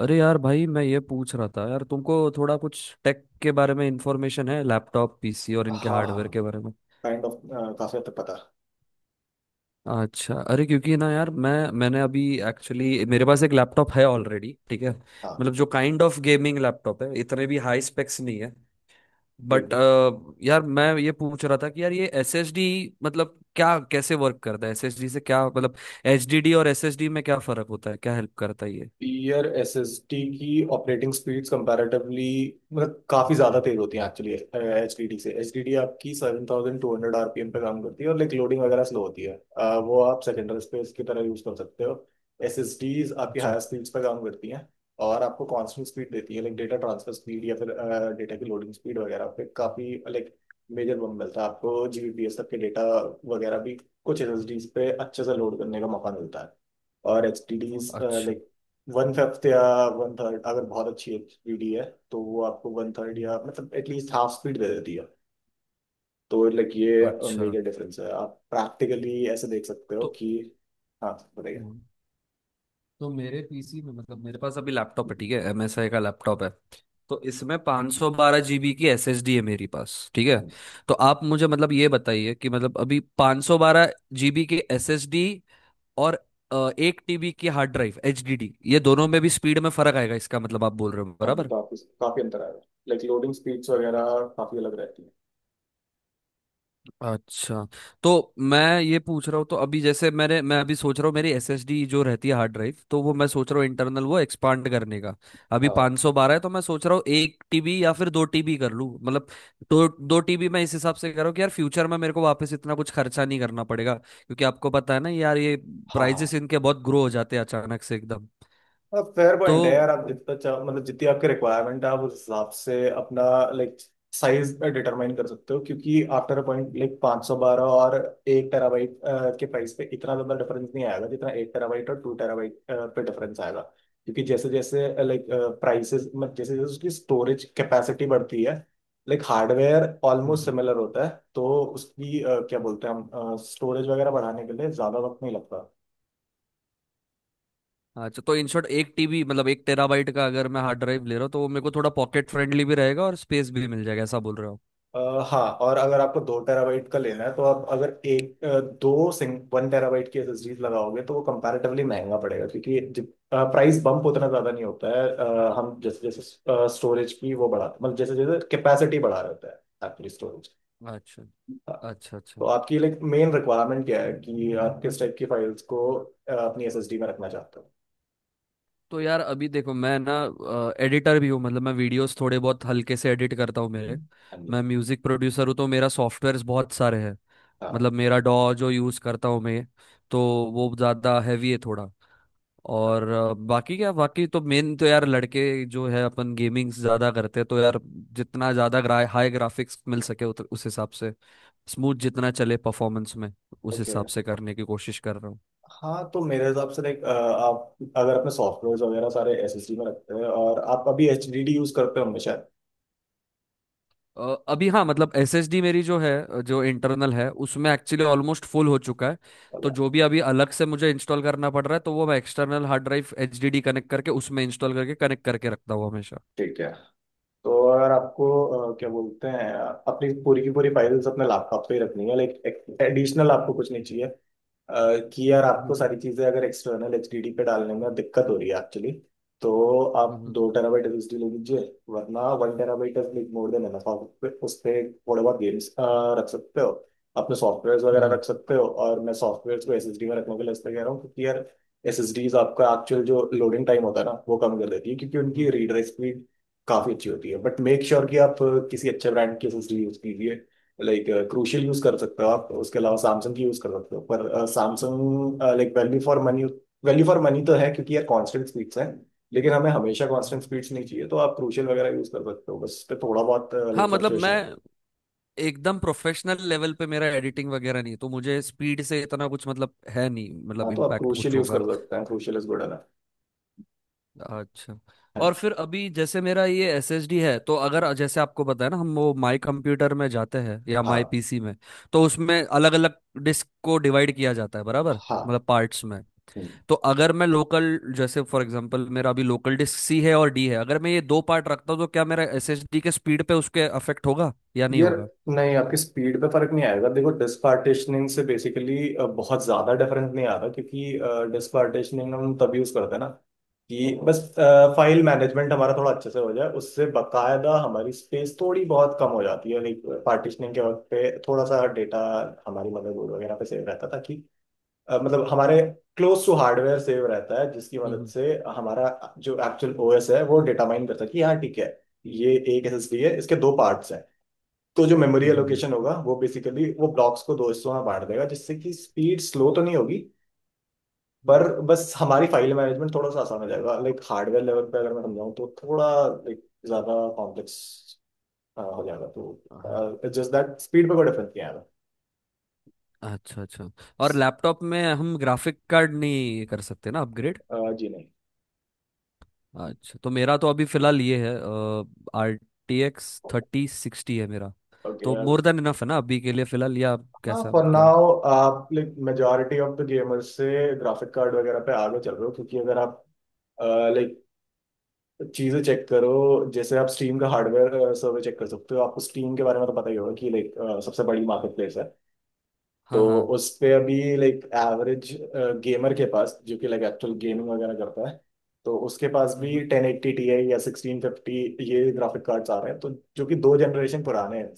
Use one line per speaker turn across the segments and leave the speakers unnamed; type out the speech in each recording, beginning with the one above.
अरे यार भाई, मैं ये पूछ रहा था यार, तुमको थोड़ा कुछ टेक के बारे में इंफॉर्मेशन है, लैपटॉप पीसी और इनके
हाँ हाँ,
हार्डवेयर के बारे में?
काइंड ऑफ, काफी हद तक पता.
अच्छा। अरे क्योंकि ना यार मैंने अभी, एक्चुअली मेरे पास एक लैपटॉप है ऑलरेडी, ठीक है,
हाँ,
मतलब जो काइंड ऑफ गेमिंग लैपटॉप है, इतने भी हाई स्पेक्स नहीं है। बट
ठीक.
यार, मैं ये पूछ रहा था कि यार ये एसएसडी मतलब क्या, कैसे वर्क करता है? एसएसडी से क्या मतलब? एचडीडी और एसएसडी में क्या फर्क होता है, क्या हेल्प करता है ये?
यार एस एस टी की ऑपरेटिंग स्पीड्स कंपैरेटिवली मतलब काफ़ी ज़्यादा तेज़ होती हैं एक्चुअली एच डी डी से. एच डी डी आपकी 7200 आर पी एम पे काम करती है और लाइक लोडिंग वगैरह स्लो होती है. वो आप सेकेंडरी स्पेस की तरह यूज़ कर सकते हो. एस एस डीज आपकी
अच्छा,
हायर स्पीड्स पे काम करती हैं और आपको कांस्टेंट स्पीड देती है, लाइक डेटा ट्रांसफर स्पीड या फिर डेटा की लोडिंग स्पीड वगैरह पे काफ़ी लाइक मेजर बम मिलता है आपको, जी बी पी एस तक के डेटा वगैरह भी कुछ एस एस डीज पे अच्छे से लोड करने का मौका मिलता है. और एच टी डीज
अच्छा,
लाइक 1/5 या 1/3, अगर बहुत अच्छी एचडी है तो वो आपको 1/3
हम्म,
या मतलब एटलीस्ट हाफ स्पीड दे देती है. तो लाइक ये
अच्छा।
मेजर डिफरेंस है, आप प्रैक्टिकली ऐसे देख सकते हो
तो
कि. हाँ, बताइए.
हम्म। तो मेरे पीसी में, मतलब मेरे पास अभी लैपटॉप है, ठीक है, एमएसआई का लैपटॉप है, तो इसमें 512 जीबी की एसएसडी है मेरी पास, ठीक है।
हाँ जी.
तो आप मुझे मतलब ये बताइए कि मतलब अभी 512 जीबी की एसएसडी और एक टीबी की हार्ड ड्राइव एचडीडी, ये दोनों में भी स्पीड में फर्क आएगा, इसका मतलब आप बोल रहे हो,
हाँ जी,
बराबर?
काफी काफी अंतर आएगा, लाइक लोडिंग स्पीड्स वगैरह काफी अलग रहती है.
अच्छा। तो मैं ये पूछ रहा हूँ, तो अभी जैसे मैं अभी सोच रहा हूँ, मेरी एसएसडी जो रहती है हार्ड ड्राइव, तो वो मैं सोच रहा हूँ इंटरनल वो एक्सपांड करने का। अभी
हाँ.
512 है, तो मैं सोच रहा हूँ एक टीबी या फिर दो टीबी कर लूँ, मतलब दो दो टीबी। मैं इस हिसाब से कर रहा हूँ कि यार फ्यूचर में मेरे को वापस इतना कुछ खर्चा नहीं करना पड़ेगा, क्योंकि आपको पता है ना यार, ये
हाँ.
प्राइजेस
हाँ,
इनके बहुत ग्रो हो जाते हैं अचानक से एकदम।
अब फेयर
तो
पॉइंट है यार, आप जितना चाहो मतलब जितनी आपकी रिक्वायरमेंट है आप उस हिसाब से अपना लाइक साइज डिटरमाइन कर सकते हो क्योंकि आफ्टर अ पॉइंट लाइक 512 और 1 टेराबाइट के प्राइस पे इतना ज्यादा डिफरेंस नहीं आएगा जितना 1 टेराबाइट और 2 टेराबाइट पे डिफरेंस आएगा. क्योंकि जैसे जैसे लाइक प्राइसेस मतलब जैसे जैसे उसकी स्टोरेज कैपेसिटी बढ़ती है, like hardware almost
hmm.
Similar होता है. तो उसकी क्या बोलते हैं हम स्टोरेज वगैरह बढ़ाने के लिए ज्यादा वक्त नहीं लगता.
अच्छा, तो इन शॉर्ट एक टीबी, मतलब एक टेराबाइट का अगर मैं हार्ड ड्राइव ले रहा हूँ, तो वो मेरे को थोड़ा पॉकेट फ्रेंडली भी रहेगा और स्पेस भी मिल जाएगा, ऐसा बोल रहे हो?
अ, हाँ, और अगर आपको 2 टेराबाइट का लेना है तो आप अगर एक अ, दो सिंग 1 टेराबाइट की एसएसडीज लगाओगे तो वो कंपैरेटिवली महंगा पड़ेगा क्योंकि जब प्राइस बम्प उतना ज़्यादा नहीं होता है. हम जैसे जैसे स्टोरेज की वो बढ़ाते मतलब जैसे जैसे कैपेसिटी बढ़ा रहे होते हैं एक्चुअली स्टोरेज.
अच्छा,
हाँ.
अच्छा,
तो
अच्छा।
आपकी लाइक मेन रिक्वायरमेंट क्या है कि आप किस टाइप की फाइल्स को अपनी एसएसडी में रखना चाहते हो.
तो यार अभी देखो, मैं ना एडिटर भी हूँ, मतलब मैं वीडियोस थोड़े बहुत हल्के से एडिट करता हूँ मेरे
हाँ
मैं
जी.
म्यूजिक प्रोड्यूसर हूँ, तो मेरा सॉफ्टवेयर्स बहुत सारे हैं।
हाँ.
मतलब मेरा डॉ जो यूज़ करता हूँ मैं, तो वो ज़्यादा हैवी है थोड़ा। और बाकी क्या, बाकी तो मेन तो यार, लड़के जो है अपन गेमिंग ज़्यादा करते हैं, तो यार जितना ज़्यादा हाई ग्राफिक्स मिल सके, उस हिसाब से स्मूथ जितना चले परफॉर्मेंस में, उस
ओके.
हिसाब से करने की कोशिश कर रहा हूँ।
हाँ तो मेरे हिसाब से लाइक, आप अगर अपने सॉफ्टवेयर वगैरह सारे एसएसडी में रखते हैं और आप अभी एचडीडी यूज करते होंगे शायद.
अभी, हाँ, मतलब एसएसडी मेरी जो है, जो इंटरनल है उसमें, एक्चुअली ऑलमोस्ट फुल हो चुका है। तो जो भी अभी अलग से मुझे इंस्टॉल करना पड़ रहा है, तो वो मैं external hard drive HDD connect करके उसमें इंस्टॉल करके कनेक्ट करके रखता हूँ हमेशा।
ठीक है, तो अगर आपको क्या बोलते हैं अपनी पूरी की पूरी फाइल्स अपने लैपटॉप पे ही रखनी है, लाइक एडिशनल आपको कुछ नहीं चाहिए, कि यार आपको
हम्म,
सारी चीजें अगर एक्सटर्नल एचडीडी पे डालने में दिक्कत हो रही है एक्चुअली, तो आप
हम्म,
2 टेराबाइट एसएसडी ले लीजिए. वरना 1 terabyte is like more than enough, आप उस पे थोड़े बहुत गेम्स रख सकते हो, अपने सॉफ्टवेयर वगैरह
हम्म,
रख सकते हो. और मैं सॉफ्टवेयर को एसएसडी में रखने के लिए इसलिए कह रहा हूँ क्योंकि यार एस एस डीज आपका एक्चुअल जो लोडिंग टाइम होता है ना वो कम कर देती है क्योंकि उनकी
हम्म,
रीड राइट स्पीड काफी अच्छी होती है. बट मेक श्योर कि आप किसी अच्छे ब्रांड की एसएसडी यूज कीजिए, लाइक क्रूशियल यूज कर सकते हो आप. उसके अलावा सैमसंग की यूज कर सकते हो, पर Samsung like value for money तो है क्योंकि यार कांस्टेंट स्पीड्स हैं, लेकिन हमें हमेशा कांस्टेंट
हम्म।
स्पीड्स नहीं चाहिए तो आप क्रूशियल वगैरह यूज कर सकते हो, बस पे थोड़ा बहुत
हाँ,
लाइक
मतलब
फ्लक्चुएशन है.
मैं एकदम प्रोफेशनल लेवल पे मेरा एडिटिंग वगैरह नहीं है, तो मुझे स्पीड से इतना कुछ मतलब है नहीं,
हाँ
मतलब
तो आप
इम्पैक्ट
क्रूशियल
कुछ
यूज कर
होगा।
सकते हैं, क्रूशियल इज गुड एनफ.
अच्छा।
हाँ.
और फिर अभी जैसे मेरा ये एस एस डी है, तो अगर जैसे आपको पता है ना, हम वो माई कंप्यूटर में जाते हैं या माई
हाँ.
पीसी में, तो उसमें अलग अलग डिस्क को डिवाइड किया जाता है बराबर, मतलब पार्ट्स में।
हाँ.
तो अगर मैं लोकल, जैसे फॉर एग्जांपल मेरा अभी लोकल डिस्क सी है और डी है, अगर मैं ये दो पार्ट रखता हूँ तो क्या मेरा एस एस डी के स्पीड पे उसके अफेक्ट होगा या नहीं
यार
होगा?
नहीं, आपकी स्पीड पे फर्क नहीं आएगा. देखो डिस्क पार्टिशनिंग से बेसिकली बहुत ज्यादा डिफरेंस नहीं आता क्योंकि डिस्क पार्टिशनिंग हम तब यूज करते हैं ना कि बस फाइल मैनेजमेंट हमारा थोड़ा अच्छे से हो जाए. उससे बकायदा हमारी स्पेस थोड़ी बहुत कम हो जाती है, लाइक पार्टिशनिंग के वक्त पे थोड़ा सा डेटा हमारी मदरबोर्ड वगैरह पे सेव रहता था कि मतलब हमारे क्लोज टू हार्डवेयर सेव रहता है जिसकी मदद
हम्म,
से हमारा जो एक्चुअल ओएस है वो डेटा माइन करता है कि हाँ ठीक है ये एक एसएसडी है, इसके दो पार्ट्स हैं. तो जो मेमोरी
हम्म, हम्म,
एलोकेशन होगा वो बेसिकली वो ब्लॉक्स को दो हिस्सों में बांट देगा, जिससे कि स्पीड स्लो तो नहीं होगी, पर
हम्म,
बस हमारी फाइल मैनेजमेंट थोड़ा सा आसान हो जाएगा. लाइक हार्डवेयर लेवल पे अगर मैं समझाऊँ तो थोड़ा लाइक ज्यादा कॉम्प्लेक्स हो जाएगा,
हम्म।
तो जस्ट दैट स्पीड पे कोई डिफरेंस नहीं आएगा.
अच्छा, अच्छा। और लैपटॉप में हम ग्राफिक कार्ड नहीं कर सकते ना अपग्रेड?
जी नहीं.
अच्छा, तो मेरा तो अभी फिलहाल ये है, आर टी एक्स 3060 है मेरा।
ओके.
तो मोर देन इनफ है ना अभी के लिए फिलहाल, या
हाँ
कैसा
फॉर
क्या?
नाउ आप like majority of the gamers से ग्राफिक कार्ड वगैरह पे आगे चल रहे हो क्योंकि अगर आप लाइक चीजें चेक करो, जैसे आप स्टीम का हार्डवेयर सर्वर चेक कर सकते हो, आपको स्टीम के बारे में तो पता ही होगा कि लाइक सबसे बड़ी मार्केट प्लेस है.
हाँ,
तो
हाँ,
उस पे अभी लाइक एवरेज गेमर के पास जो कि लाइक एक्चुअल गेमिंग वगैरह करता है, तो उसके पास भी
हम्म,
1080 टी आई या 1650 ये ग्राफिक कार्ड्स आ रहे हैं, तो जो कि दो जनरेशन पुराने हैं.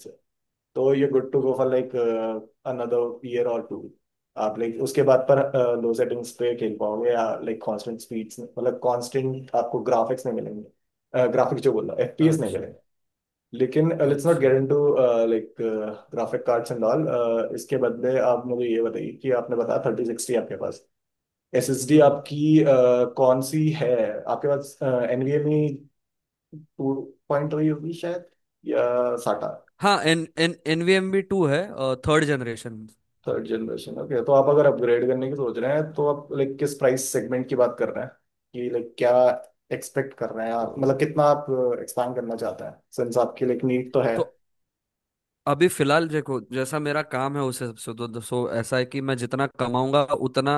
तो you're good to
hmm,
go for
hmm,
like another year or two. आप लाइक उसके बाद पर लो सेटिंग्स पे खेल पाओगे, या लाइक कांस्टेंट स्पीड्स मतलब कांस्टेंट आपको ग्राफिक्स नहीं मिलेंगे, ग्राफिक्स जो बोल रहा एफपीएस नहीं
अच्छा,
मिलेंगे. लेकिन लेट्स नॉट
अच्छा,
get into like graphic cards and all. इसके बदले आप मुझे ये बताइए कि आपने बताया 3060 आपके पास. एसएसडी
हम्म।
आपकी कौन सी है, आपके पास एनवीएमई टू पॉइंट रही होगी शायद, या साटा.
हाँ, एन एन एनवीएमबी टू है, third generation.
Third generation, okay. तो आप अगर अपग्रेड करने की सोच रहे हैं तो आप लाइक किस प्राइस सेगमेंट की बात कर रहे हैं, कि लाइक क्या एक्सपेक्ट कर रहे हैं आप मतलब
तो
कितना आप एक्सपांड करना चाहते हैं सिंस आपकी लाइक नीड तो है.
तो अभी फिलहाल देखो, जैसा मेरा काम है उस हिसाब से, सो ऐसा है कि मैं जितना कमाऊंगा उतना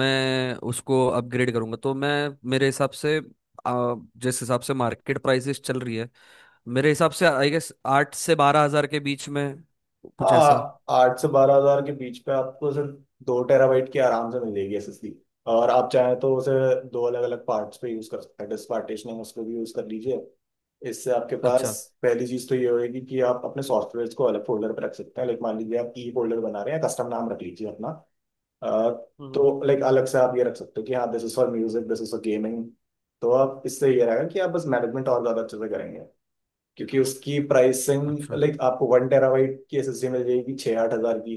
मैं उसको अपग्रेड करूंगा, तो मैं, मेरे हिसाब से, जिस हिसाब से मार्केट प्राइसेस चल रही है, मेरे हिसाब से आई गेस 8 से 12 हज़ार के बीच में, कुछ ऐसा।
हाँ, 8 से 12 हज़ार के बीच पे आपको सिर्फ 2 टेराबाइट की आराम से मिलेगी एसएसडी. और आप चाहें तो उसे दो अलग अलग पार्ट्स पे यूज कर सकते हैं, डिस्क पार्टीशनिंग उसको भी यूज कर लीजिए. इससे आपके पास
अच्छा,
पहली चीज तो ये होगी कि आप अपने सॉफ्टवेयर को अलग फोल्डर पे रख सकते हैं. लाइक मान लीजिए आप ई फोल्डर बना रहे हैं, कस्टम नाम रख लीजिए अपना. अ,
हम्म,
तो लाइक अलग से आप ये रख सकते हो कि हाँ this is for music, this is for gaming. तो आप इससे ये रहेगा कि आप बस मैनेजमेंट और ज्यादा अच्छे से करेंगे, क्योंकि उसकी प्राइसिंग
अच्छा,
लाइक आपको 1 टेराबाइट की एसएसडी मिल जाएगी 6-8 हज़ार की,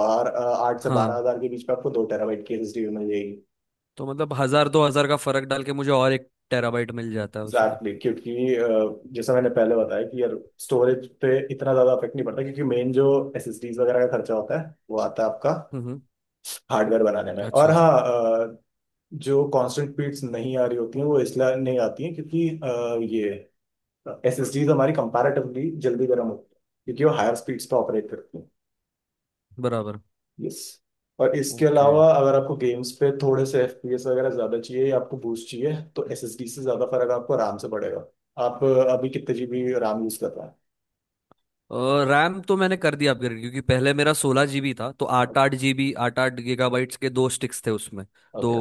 और आठ से बारह
हाँ।
हजार के बीच में आपको 2 टेराबाइट की एसएसडी भी मिल जाएगी.
तो मतलब हजार दो हजार का फर्क डाल के मुझे और एक टेराबाइट मिल जाता है उसमें?
एग्जैक्टली exactly, क्योंकि जैसा मैंने पहले बताया कि यार स्टोरेज पे इतना ज्यादा अफेक्ट नहीं पड़ता, क्योंकि मेन जो एसएसडीज वगैरह का खर्चा होता है वो आता है आपका
हम्म,
हार्डवेयर बनाने में. और
अच्छा,
हाँ, जो कांस्टेंट बीट्स नहीं आ रही होती हैं वो इसलिए नहीं आती हैं क्योंकि ये एस एस डीज हमारी कंपैरेटिवली जल्दी गर्म होती है क्योंकि वो हायर स्पीड्स पे ऑपरेट करती हैं.
बराबर,
यस. और इसके
ओके।
अलावा अगर आपको गेम्स पे थोड़े से एफ पी एस वगैरह ज़्यादा चाहिए या आपको बूस्ट चाहिए तो एस एस डी से ज़्यादा फर्क आपको RAM से पड़ेगा. आप अभी कितने जी बी RAM यूज़ कर रहे हैं?
रैम तो मैंने कर दिया अपग्रेड, क्योंकि पहले मेरा 16 जीबी था, तो आठ
ओके.
आठ जीबी, आठ आठ गीगाबाइट्स के दो स्टिक्स थे उसमें, दो
ओके.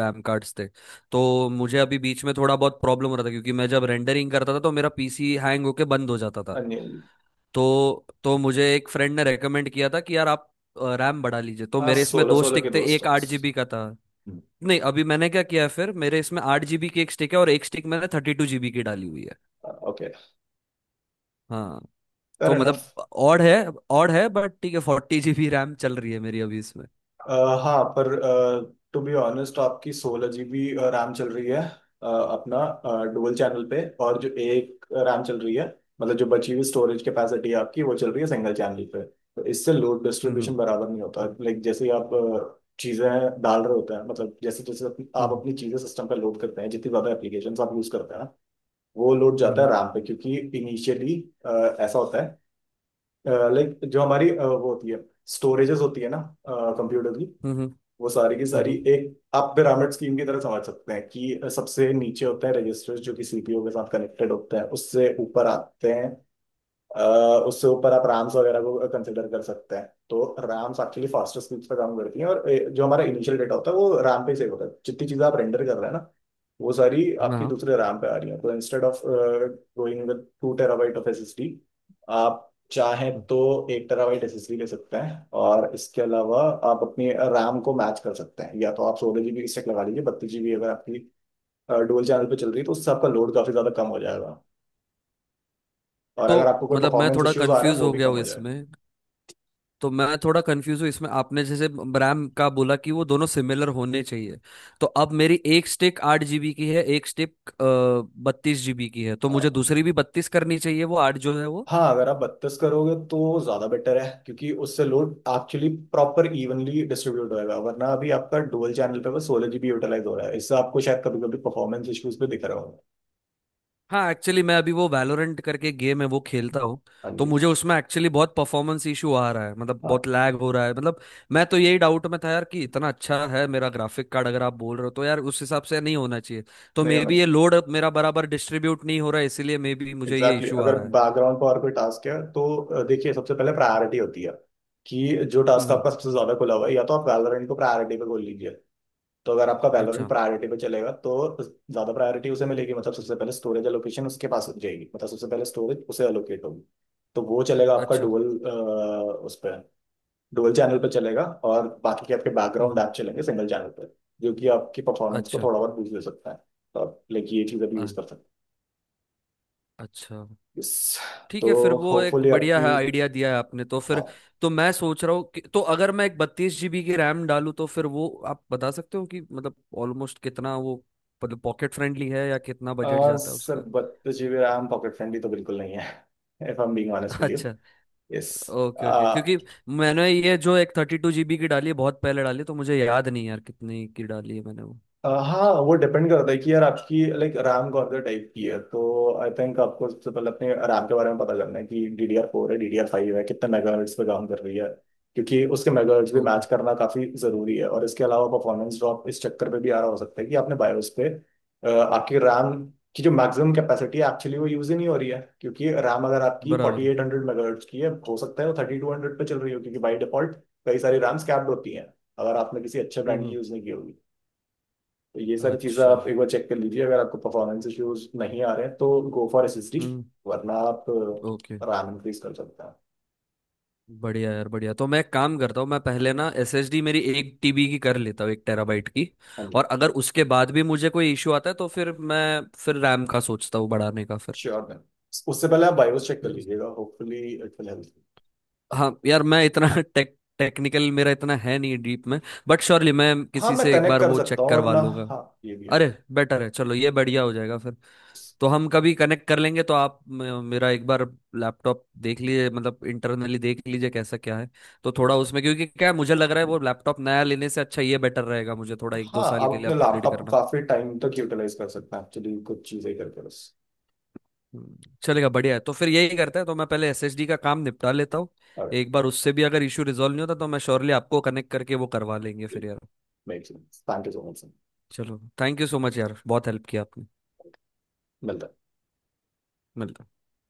रैम कार्ड्स थे। तो मुझे अभी बीच में थोड़ा बहुत प्रॉब्लम हो रहा था, क्योंकि मैं जब रेंडरिंग करता था तो मेरा पीसी हैंग होके बंद हो जाता था।
अनिल.
तो मुझे एक फ्रेंड ने रेकमेंड किया था कि यार आप रैम बढ़ा लीजिए, तो
हाँ
मेरे इसमें
सोलह
दो
सोलह के
स्टिक थे,
दोस्त.
एक 8 जीबी का था। नहीं, अभी मैंने क्या किया है फिर, मेरे इसमें आठ जीबी की एक स्टिक है और एक स्टिक मैंने 32 जीबी की डाली हुई है।
ओके.
हाँ।
फेयर
तो
इनफ.
मतलब ऑड है, ऑड है, बट ठीक है, 40 जीबी रैम चल रही है मेरी अभी इसमें।
अ, हाँ पर टू बी ऑनेस्ट आपकी 16 GB रैम चल रही है अपना डुअल चैनल पे, और जो एक रैम चल रही है मतलब जो बची हुई स्टोरेज कैपेसिटी है आपकी वो चल रही है सिंगल चैनल पे. तो इससे लोड
हम्म,
डिस्ट्रीब्यूशन बराबर नहीं होता, लाइक जैसे ही आप चीजें डाल रहे होते हैं मतलब जैसे जैसे अपनी, आप
हम्म,
अपनी चीजें सिस्टम पे लोड करते हैं जितनी ज्यादा एप्लीकेशन आप यूज करते हैं ना, वो लोड जाता है
हम्म,
रैम पे क्योंकि इनिशियली ऐसा होता है, लाइक जो हमारी वो होती है स्टोरेजेस होती है ना कंप्यूटर की,
हम्म, हम्म,
वो सारी की
हम्म,
सारी
हम्म,
एक आप पिरामिड स्कीम की तरह समझ सकते हैं कि सबसे नीचे होता है रजिस्टर्स जो कि सीपीयू के साथ कनेक्टेड होते हैं, उससे ऊपर आते हैं अ, उससे ऊपर आप रैम्स वगैरह को कंसिडर कर सकते हैं. तो रैम्स एक्चुअली फास्टर स्पीड्स पे काम करती हैं, और जो हमारा इनिशियल डेटा होता है वो रैम पे सेव होता है. जितनी चीज़ें आप रेंडर कर रहे हैं ना वो सारी आपकी
हाँ।
दूसरे रैम पे आ रही है, तो instead of going with 2 terabyte of SSD आप चाहें तो 1 टेराबाइट एसएसडी ले सकते हैं, और इसके अलावा आप अपनी रैम को मैच कर सकते हैं. या तो आप सोलह जीबी स्टैक लगा लीजिए, 32 GB अगर आपकी डुअल चैनल पे चल रही है तो उससे आपका लोड काफ़ी ज़्यादा कम हो जाएगा, और
तो
अगर आपको कोई
मतलब मैं
परफॉर्मेंस
थोड़ा
इश्यूज आ रहे हैं
कंफ्यूज
वो
हो
भी
गया
कम
हूँ
हो जाएगा.
इसमें। तो मैं थोड़ा कंफ्यूज हूँ इसमें, आपने जैसे रैम का बोला कि वो दोनों सिमिलर होने चाहिए। तो अब मेरी एक स्टिक आठ जीबी की है, एक स्टिक 32 जीबी की है, तो
हाँ.
मुझे दूसरी भी बत्तीस करनी चाहिए, वो आठ जो है वो।
हाँ, अगर आप 32 करोगे तो ज्यादा बेटर है, क्योंकि उससे load actually proper evenly distribute होएगा. वरना अभी आपका डुअल चैनल पे बस 16 GB यूटिलाइज हो रहा है, इससे आपको शायद कभी कभी परफॉर्मेंस इश्यूज भी दिख रहे होंगे.
हाँ, एक्चुअली मैं अभी वो वैलोरेंट करके गेम है वो खेलता हूँ,
हाँ
तो
जी.
मुझे उसमें एक्चुअली बहुत परफॉर्मेंस इशू आ रहा है, मतलब
हाँ.
बहुत लैग हो रहा है। मतलब मैं तो यही डाउट में था यार, कि इतना अच्छा है मेरा ग्राफिक कार्ड, अगर आप बोल रहे हो तो यार उस हिसाब से नहीं होना चाहिए। तो
नहीं
मे
होना
बी ये
चाहिए.
लोड मेरा बराबर डिस्ट्रीब्यूट नहीं हो रहा है, इसीलिए मे बी मुझे ये
एग्जैक्टली
इशू
exactly.
आ
अगर
रहा है।
बैकग्राउंड पर और कोई टास्क है तो देखिए सबसे पहले प्रायोरिटी होती है कि जो
हम्म,
टास्क आपका सबसे ज्यादा खुला हुआ है, या तो आप वैलोरेंट को प्रायोरिटी पे खोल लीजिए. तो अगर आपका वैलोरेंट
अच्छा,
प्रायोरिटी पे चलेगा तो ज्यादा प्रायोरिटी उसे मिलेगी, मतलब सबसे पहले स्टोरेज एलोकेशन उसके पास जाएगी, मतलब सबसे पहले स्टोरेज उसे एलोकेट होगी. तो वो चलेगा आपका
अच्छा,
डुअल उस पर डुअल चैनल पे चलेगा, और बाकी के आपके
हम्म,
बैकग्राउंड ऐप चलेंगे सिंगल चैनल पे, जो कि आपकी परफॉर्मेंस को
अच्छा।
थोड़ा बहुत बूस्ट दे सकता है. तो आप लाइक ये चीज़ अभी यूज
अ-
कर सकते हैं.
अच्छा,
Yes.
ठीक
तो
है फिर, वो एक
होपफुली
बढ़िया
आपकी.
है आइडिया दिया है आपने तो फिर।
हाँ.
तो मैं सोच रहा हूँ कि तो अगर मैं एक 32 जीबी की रैम डालूँ, तो फिर वो आप बता सकते हो कि मतलब ऑलमोस्ट कितना वो, मतलब पॉकेट फ्रेंडली है या कितना बजट जाता है
सर
उसका?
32 GB रैम पॉकेट फ्रेंडली तो बिल्कुल नहीं है if I am being honest with you.
अच्छा।
यस.
ओके, ओके, क्योंकि मैंने ये जो एक 32 जीबी की डाली है, बहुत पहले डाली है, तो मुझे याद नहीं यार कितनी की डाली है मैंने वो।
हाँ वो डिपेंड करता है कि यार आपकी लाइक रैम कौन से टाइप की है, तो आई थिंक आपको सबसे पहले अपने रैम के बारे में पता करना है कि DDR4 है DDR5 है, कितने मेगाहर्ट्ज पे काम कर रही है. क्योंकि उसके मेगाहर्ट्ज भी
ओके,
मैच करना काफी जरूरी है. और इसके अलावा परफॉर्मेंस ड्रॉप इस चक्कर पे भी आ रहा हो सकता है कि आपने बायोस पे आपकी रैम की जो मैक्सिमम कैपेसिटी है एक्चुअली वो यूज ही नहीं हो रही है, क्योंकि रैम अगर आपकी फोर्टी
बराबर,
एट हंड्रेड मेगाहर्ट्ज की है हो सकता है वो 3200 पे चल रही हो, क्योंकि बाई डिफॉल्ट कई सारी रैम्स कैप्ड होती हैं अगर आपने किसी अच्छे
हम्म,
ब्रांड की यूज नहीं की होगी. तो ये सारी चीज़ें
अच्छा,
आप एक बार चेक कर लीजिए, अगर आपको परफॉर्मेंस इश्यूज नहीं आ रहे हैं तो go for S S D,
हम्म,
वरना आप
ओके।
रैम इंक्रीज कर सकते हैं.
बढ़िया यार, बढ़िया। तो मैं एक काम करता हूँ, मैं पहले ना एसएसडी मेरी एक टीबी की कर लेता हूँ, एक टेराबाइट की।
हाँ जी.
और अगर उसके बाद भी मुझे कोई इश्यू आता है, तो फिर मैं फिर रैम का सोचता हूँ बढ़ाने का फिर।
श्योर मैम, उससे पहले आप बायोस चेक कर लीजिएगा, होपफुली इट विल हेल्प.
हाँ यार, मैं इतना टेक्निकल मेरा इतना है नहीं डीप में, बट श्योरली मैं
हाँ
किसी
मैं
से एक
कनेक्ट
बार
कर
वो
सकता
चेक
हूँ
करवा
वरना.
लूंगा।
हाँ ये भी है.
अरे, बेटर है, चलो ये बढ़िया हो जाएगा फिर। तो हम कभी कनेक्ट कर लेंगे, तो आप मेरा एक बार लैपटॉप देख लीजिए, मतलब इंटरनली देख लीजिए कैसा क्या है। तो थोड़ा उसमें, क्योंकि क्या है, मुझे लग रहा है वो लैपटॉप नया लेने से अच्छा ये बेटर रहेगा, मुझे थोड़ा एक दो
हाँ
साल
आप
के लिए
अपने
अपग्रेड
लैपटॉप को
करना।
काफी टाइम तक यूटिलाइज कर सकते हैं एक्चुअली कुछ चीजें करके बस,
हम्म, चलेगा, बढ़िया है, तो फिर यही करते हैं। तो मैं पहले एसएसडी का काम निपटा लेता हूँ।
और
एक बार उससे भी अगर इशू रिजॉल्व नहीं होता, तो मैं श्योरली आपको कनेक्ट करके वो करवा लेंगे फिर यार।
Make sense. Thank you so much sir,
चलो, थैंक यू सो मच यार, बहुत हेल्प किया आपने।
मिलता है
मिलते हैं।